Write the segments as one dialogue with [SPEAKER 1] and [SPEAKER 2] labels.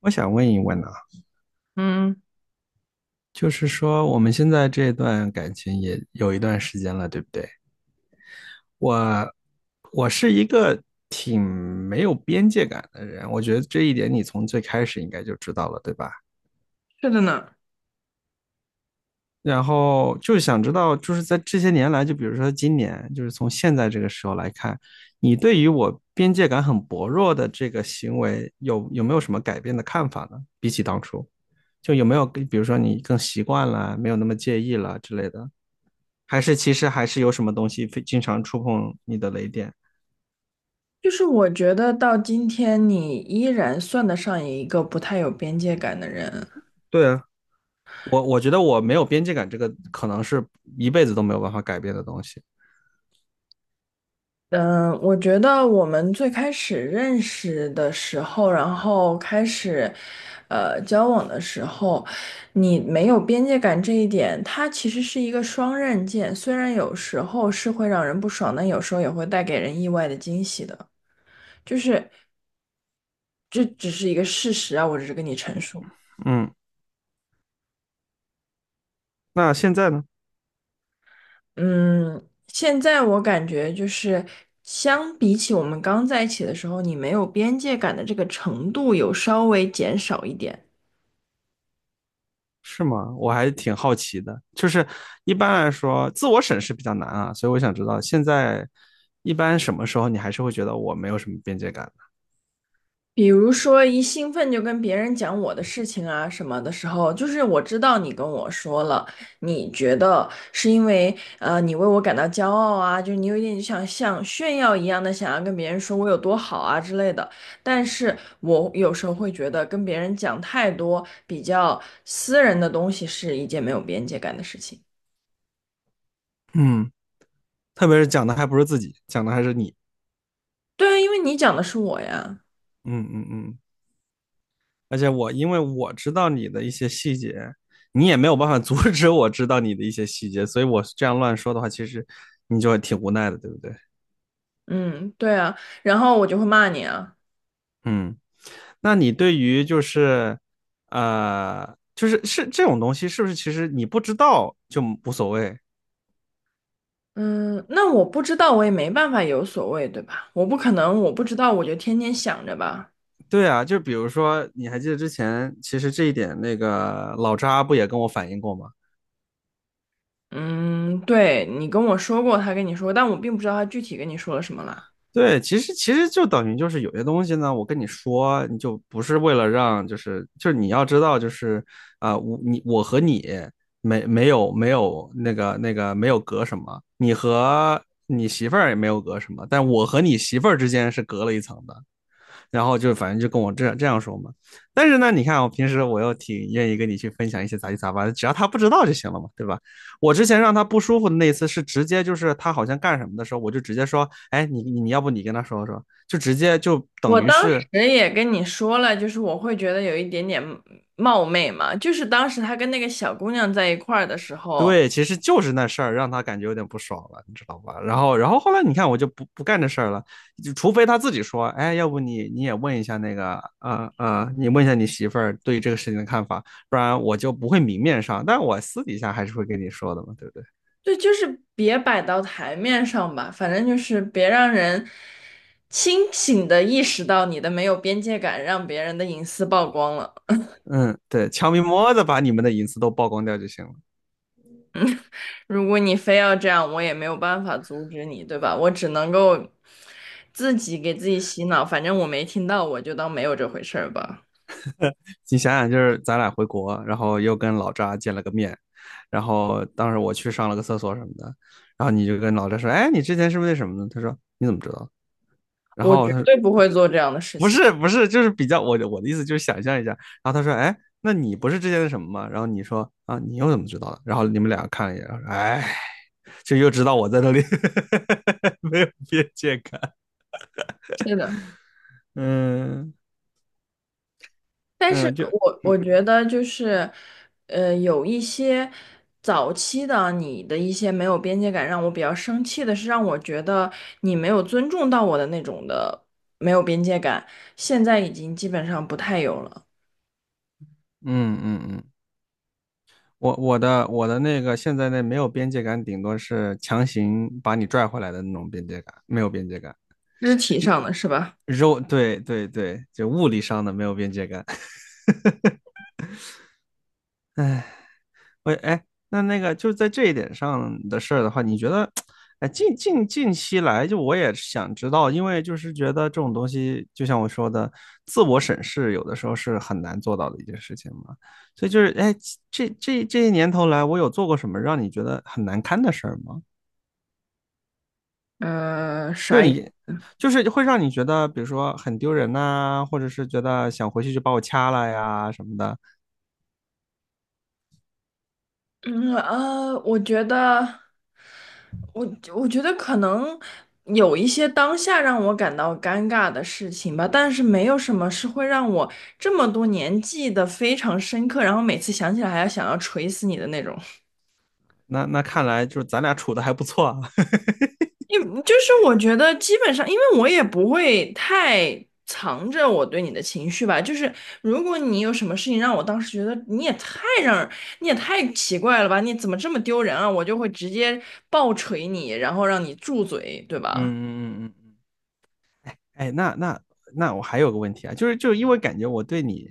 [SPEAKER 1] 我想问一问呢、
[SPEAKER 2] 嗯，
[SPEAKER 1] 就是说我们现在这段感情也有一段时间了，对不对？我我是一个挺没有边界感的人，我觉得这一点你从最开始应该就知道了，对吧？
[SPEAKER 2] 是的呢。
[SPEAKER 1] 然后就想知道，就是在这些年来，就比如说今年，就是从现在这个时候来看，你对于我边界感很薄弱的这个行为有没有什么改变的看法呢？比起当初，就有没有，比如说你更习惯了，没有那么介意了之类的？还是其实还是有什么东西非经常触碰你的雷点？
[SPEAKER 2] 就是我觉得到今天，你依然算得上一个不太有边界感的人。
[SPEAKER 1] 对啊，我觉得我没有边界感，这个可能是一辈子都没有办法改变的东西。
[SPEAKER 2] 嗯，我觉得我们最开始认识的时候，然后开始，交往的时候，你没有边界感这一点，它其实是一个双刃剑，虽然有时候是会让人不爽，但有时候也会带给人意外的惊喜的。就是这只是一个事实啊，我只是跟你陈述。
[SPEAKER 1] 嗯，那现在呢？
[SPEAKER 2] 嗯，现在我感觉就是相比起我们刚在一起的时候，你没有边界感的这个程度有稍微减少一点。
[SPEAKER 1] 是吗？我还挺好奇的，就是一般来说，自我审视比较难啊，所以我想知道现在一般什么时候你还是会觉得我没有什么边界感的。
[SPEAKER 2] 比如说，一兴奋就跟别人讲我的事情啊什么的时候，就是我知道你跟我说了，你觉得是因为你为我感到骄傲啊，就是你有一点想像炫耀一样的想要跟别人说我有多好啊之类的。但是我有时候会觉得跟别人讲太多比较私人的东西是一件没有边界感的事情。
[SPEAKER 1] 嗯，特别是讲的还不是自己，讲的还是你。
[SPEAKER 2] 对啊，因为你讲的是我呀。
[SPEAKER 1] 嗯嗯嗯，而且我因为我知道你的一些细节，你也没有办法 阻止我知道你的一些细节，所以我这样乱说的话，其实你就挺无奈的，对不对？
[SPEAKER 2] 嗯，对啊，然后我就会骂你啊。
[SPEAKER 1] 嗯，那你对于就是就是是这种东西，是不是其实你不知道就无所谓？
[SPEAKER 2] 嗯，那我不知道，我也没办法有所谓，对吧？我不可能，我不知道，我就天天想着吧。
[SPEAKER 1] 对啊，就比如说，你还记得之前，其实这一点那个老扎不也跟我反映过吗？
[SPEAKER 2] 嗯，对，你跟我说过，他跟你说，但我并不知道他具体跟你说了什么啦。
[SPEAKER 1] 对，其实就等于就是有些东西呢，我跟你说，你就不是为了让，就是你要知道，就是我你我和你没有那个没有隔什么，你和你媳妇儿也没有隔什么，但我和你媳妇儿之间是隔了一层的。然后就反正就跟我这样说嘛。但是呢，你看我平时我又挺愿意跟你去分享一些杂七杂八的，只要他不知道就行了嘛，对吧？我之前让他不舒服的那一次是直接就是他好像干什么的时候，我就直接说，哎，你要不你跟他说说，就直接就等
[SPEAKER 2] 我
[SPEAKER 1] 于
[SPEAKER 2] 当时
[SPEAKER 1] 是
[SPEAKER 2] 也跟你说了，就是我会觉得有一点点冒昧嘛，就是当时他跟那个小姑娘在一块儿的时候，
[SPEAKER 1] 对，其实就是那事儿让他感觉有点不爽了，你知道吧？然后，然后后来你看，我就不干这事儿了，就除非他自己说，哎，要不你也问一下那个，你问一下你媳妇儿对于这个事情的看法，不然我就不会明面上，但我私底下还是会跟你说的嘛，对不对？
[SPEAKER 2] 对，就是别摆到台面上吧，反正就是别让人清醒的意识到你的没有边界感，让别人的隐私曝光了。
[SPEAKER 1] 嗯，对，悄咪摸的把你们的隐私都曝光掉就行了。
[SPEAKER 2] 如果你非要这样，我也没有办法阻止你，对吧？我只能够自己给自己洗脑，反正我没听到，我就当没有这回事儿吧。
[SPEAKER 1] 你想想，就是咱俩回国，然后又跟老扎见了个面，然后当时我去上了个厕所什么的，然后你就跟老扎说，哎，你之前是不是那什么呢？他说你怎么知道？然
[SPEAKER 2] 我
[SPEAKER 1] 后
[SPEAKER 2] 绝
[SPEAKER 1] 他说
[SPEAKER 2] 对不会做这样的事
[SPEAKER 1] 不
[SPEAKER 2] 情。
[SPEAKER 1] 是不是，就是比较我的意思就是想象一下。然后他说，哎，那你不是之前的什么吗？然后你说啊，你又怎么知道的？然后你们俩看了一眼，哎，就又知道我在那里 没有边界感。
[SPEAKER 2] 是的，
[SPEAKER 1] 嗯
[SPEAKER 2] 但是
[SPEAKER 1] 嗯，就
[SPEAKER 2] 我
[SPEAKER 1] 嗯
[SPEAKER 2] 觉得就是，有一些早期的啊你的一些没有边界感，让我比较生气的是，让我觉得你没有尊重到我的那种的没有边界感，现在已经基本上不太有了。
[SPEAKER 1] 嗯嗯嗯，我的那个现在那没有边界感，顶多是强行把你拽回来的那种边界感，没有边界感。
[SPEAKER 2] 肢体上的是吧？
[SPEAKER 1] 肉，对对对，就物理上的没有边界感。我哎，那那个就是在这一点上的事儿的话，你觉得，哎，近期来，就我也想知道，因为就是觉得这种东西，就像我说的，自我审视有的时候是很难做到的一件事情嘛。所以就是，哎，这些年头来，我有做过什么让你觉得很难堪的事儿吗？
[SPEAKER 2] 嗯，
[SPEAKER 1] 就
[SPEAKER 2] 啥？
[SPEAKER 1] 你，就是会让你觉得，比如说很丢人呐、或者是觉得想回去就把我掐了呀什么的。
[SPEAKER 2] 我觉得，我我觉得可能有一些当下让我感到尴尬的事情吧，但是没有什么是会让我这么多年记得非常深刻，然后每次想起来还要想要锤死你的那种。
[SPEAKER 1] 那那看来就是咱俩处的还不错啊。
[SPEAKER 2] 你就是我觉得基本上，因为我也不会太藏着我对你的情绪吧。就是如果你有什么事情让我当时觉得你也太奇怪了吧，你怎么这么丢人啊？我就会直接暴锤你，然后让你住嘴，对
[SPEAKER 1] 嗯
[SPEAKER 2] 吧？
[SPEAKER 1] 嗯嗯嗯。哎，那我还有个问题啊，就是因为感觉我对你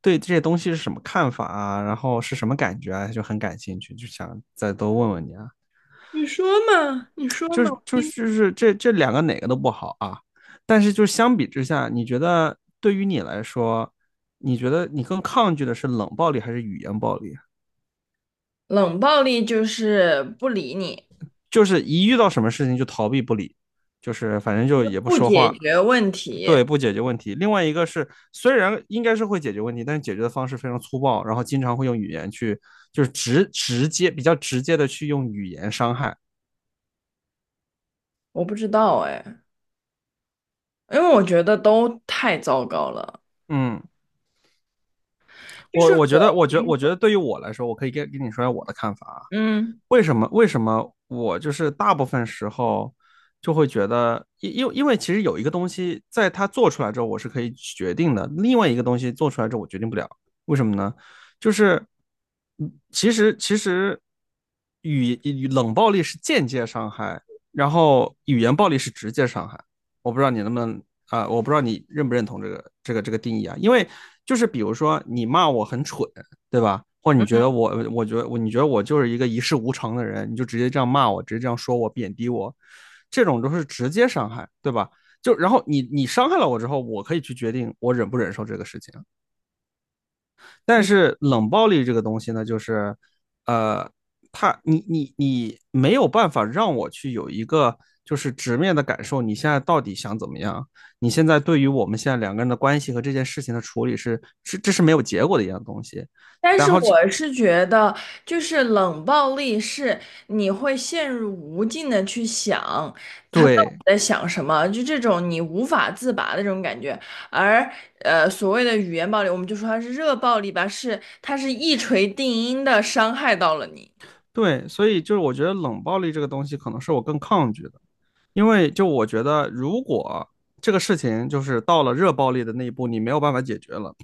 [SPEAKER 1] 对这些东西是什么看法啊，然后是什么感觉啊，就很感兴趣，就想再多问问你啊。
[SPEAKER 2] 你说嘛，你说
[SPEAKER 1] 就
[SPEAKER 2] 嘛，
[SPEAKER 1] 是
[SPEAKER 2] 我
[SPEAKER 1] 就
[SPEAKER 2] 听
[SPEAKER 1] 是就
[SPEAKER 2] 听。
[SPEAKER 1] 是这两个哪个都不好啊，但是就相比之下，你觉得对于你来说，你觉得你更抗拒的是冷暴力还是语言暴力啊？
[SPEAKER 2] 冷暴力就是不理你，
[SPEAKER 1] 就是一遇到什么事情就逃避不理，就是反正
[SPEAKER 2] 就
[SPEAKER 1] 就
[SPEAKER 2] 是
[SPEAKER 1] 也不
[SPEAKER 2] 不
[SPEAKER 1] 说
[SPEAKER 2] 解
[SPEAKER 1] 话，
[SPEAKER 2] 决问题。
[SPEAKER 1] 对，不解决问题。另外一个是，虽然应该是会解决问题，但是解决的方式非常粗暴，然后经常会用语言去，就是直直接比较直接的去用语言伤害。
[SPEAKER 2] 我不知道哎，因为我觉得都太糟糕了。
[SPEAKER 1] 嗯，
[SPEAKER 2] 就
[SPEAKER 1] 我
[SPEAKER 2] 是
[SPEAKER 1] 我觉得，
[SPEAKER 2] 我
[SPEAKER 1] 我觉得
[SPEAKER 2] 平，
[SPEAKER 1] 我觉得对于我来说，我可以跟你说一下我的看法啊，
[SPEAKER 2] 嗯。
[SPEAKER 1] 为什么？为什么我就是大部分时候就会觉得，因为其实有一个东西，在它做出来之后，我是可以决定的；另外一个东西做出来之后，我决定不了。为什么呢？就是，嗯其实冷暴力是间接伤害，然后语言暴力是直接伤害。我不知道你能不能我不知道你认不认同这个定义啊？因为就是比如说你骂我很蠢，对吧？或者你觉得
[SPEAKER 2] 嗯
[SPEAKER 1] 我，我觉得我，你觉得我就是一个一事无成的人，你就直接这样骂我，直接这样说我，贬低我，这种都是直接伤害，对吧？就然后你伤害了我之后，我可以去决定我忍不忍受这个事情。但是冷暴力这个东西呢，就是呃，他你没有办法让我去有一个就是直面的感受，你现在到底想怎么样？你现在对于我们现在两个人的关系和这件事情的处理是，这是没有结果的一样东西。
[SPEAKER 2] 但
[SPEAKER 1] 然
[SPEAKER 2] 是
[SPEAKER 1] 后这
[SPEAKER 2] 我是觉得，就是冷暴力是你会陷入无尽的去想他到底
[SPEAKER 1] 对，
[SPEAKER 2] 在想什么，就这种你无法自拔的这种感觉。而所谓的语言暴力，我们就说它是热暴力吧，是它是一锤定音的伤害到了你。
[SPEAKER 1] 对，所以就是我觉得冷暴力这个东西可能是我更抗拒的，因为就我觉得如果这个事情就是到了热暴力的那一步，你没有办法解决了，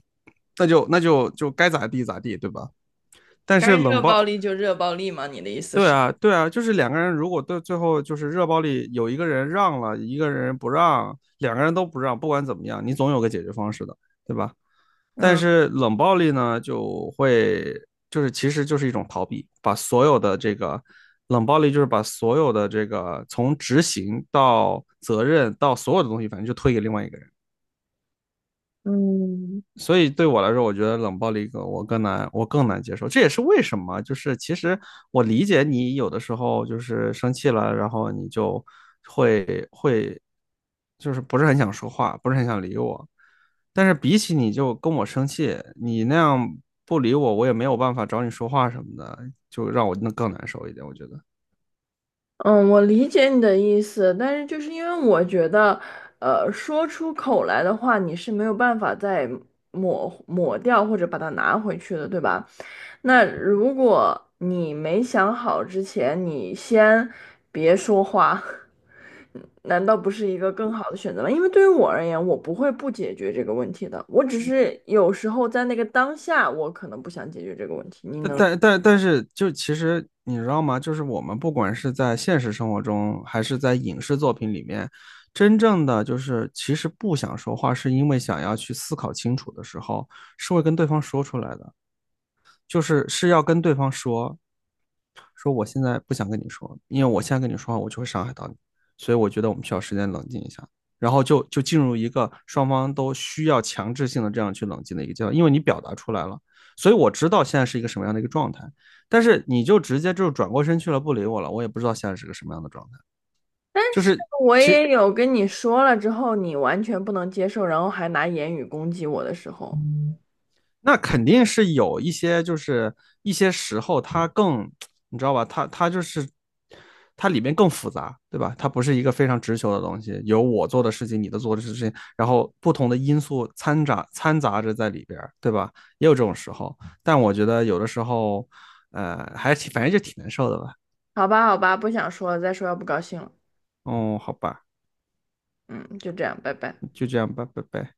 [SPEAKER 1] 那就就该咋地咋地，对吧？但是
[SPEAKER 2] 该
[SPEAKER 1] 冷
[SPEAKER 2] 热暴
[SPEAKER 1] 暴，
[SPEAKER 2] 力就热暴力吗？你的意思
[SPEAKER 1] 对
[SPEAKER 2] 是？
[SPEAKER 1] 啊，对啊，就是两个人如果对最后就是热暴力有一个人让了，一个人不让，两个人都不让，不管怎么样，你总有个解决方式的，对吧？但
[SPEAKER 2] 嗯
[SPEAKER 1] 是冷暴力呢，就会就是其实就是一种逃避，把所有的这个冷暴力就是把所有的这个从执行到责任到所有的东西，反正就推给另外一个人。
[SPEAKER 2] 嗯，
[SPEAKER 1] 所以对我来说，我觉得冷暴力更我更难接受。这也是为什么，就是其实我理解你有的时候就是生气了，然后你就就是不是很想说话，不是很想理我。但是比起你就跟我生气，你那样不理我，我也没有办法找你说话什么的，就让我那更难受一点。我觉得，
[SPEAKER 2] 嗯，我理解你的意思，但是就是因为我觉得，说出口来的话，你是没有办法再抹掉或者把它拿回去的，对吧？那如果你没想好之前，你先别说话，难道不是一个更好的选择吗？因为对于我而言，我不会不解决这个问题的，我只是有时候在那个当下，我可能不想解决这个问题。你
[SPEAKER 1] 但
[SPEAKER 2] 能？
[SPEAKER 1] 但但但是，就其实你知道吗？就是我们不管是在现实生活中，还是在影视作品里面，真正的就是其实不想说话，是因为想要去思考清楚的时候，是会跟对方说出来的，就是是要跟对方说，说我现在不想跟你说，因为我现在跟你说话，我就会伤害到你，所以我觉得我们需要时间冷静一下。然后就进入一个双方都需要强制性的这样去冷静的一个阶段，因为你表达出来了，所以我知道现在是一个什么样的一个状态。但是你就直接就转过身去了，不理我了，我也不知道现在是个什么样的状态。
[SPEAKER 2] 但
[SPEAKER 1] 就
[SPEAKER 2] 是
[SPEAKER 1] 是
[SPEAKER 2] 我
[SPEAKER 1] 其实
[SPEAKER 2] 也有跟你说了之后，你完全不能接受，然后还拿言语攻击我的时候，
[SPEAKER 1] 那肯定是有一些，就是一些时候它更，你知道吧？它就是它里面更复杂，对吧？它不是一个非常直球的东西，有我做的事情，你的做的事情，然后不同的因素掺杂着在里边对吧？也有这种时候，但我觉得有的时候，还是反正就挺难受的吧。
[SPEAKER 2] 好吧，好吧，不想说了，再说要不高兴了。
[SPEAKER 1] 哦，好吧，
[SPEAKER 2] 嗯，就这样，拜拜。
[SPEAKER 1] 就这样吧，拜拜。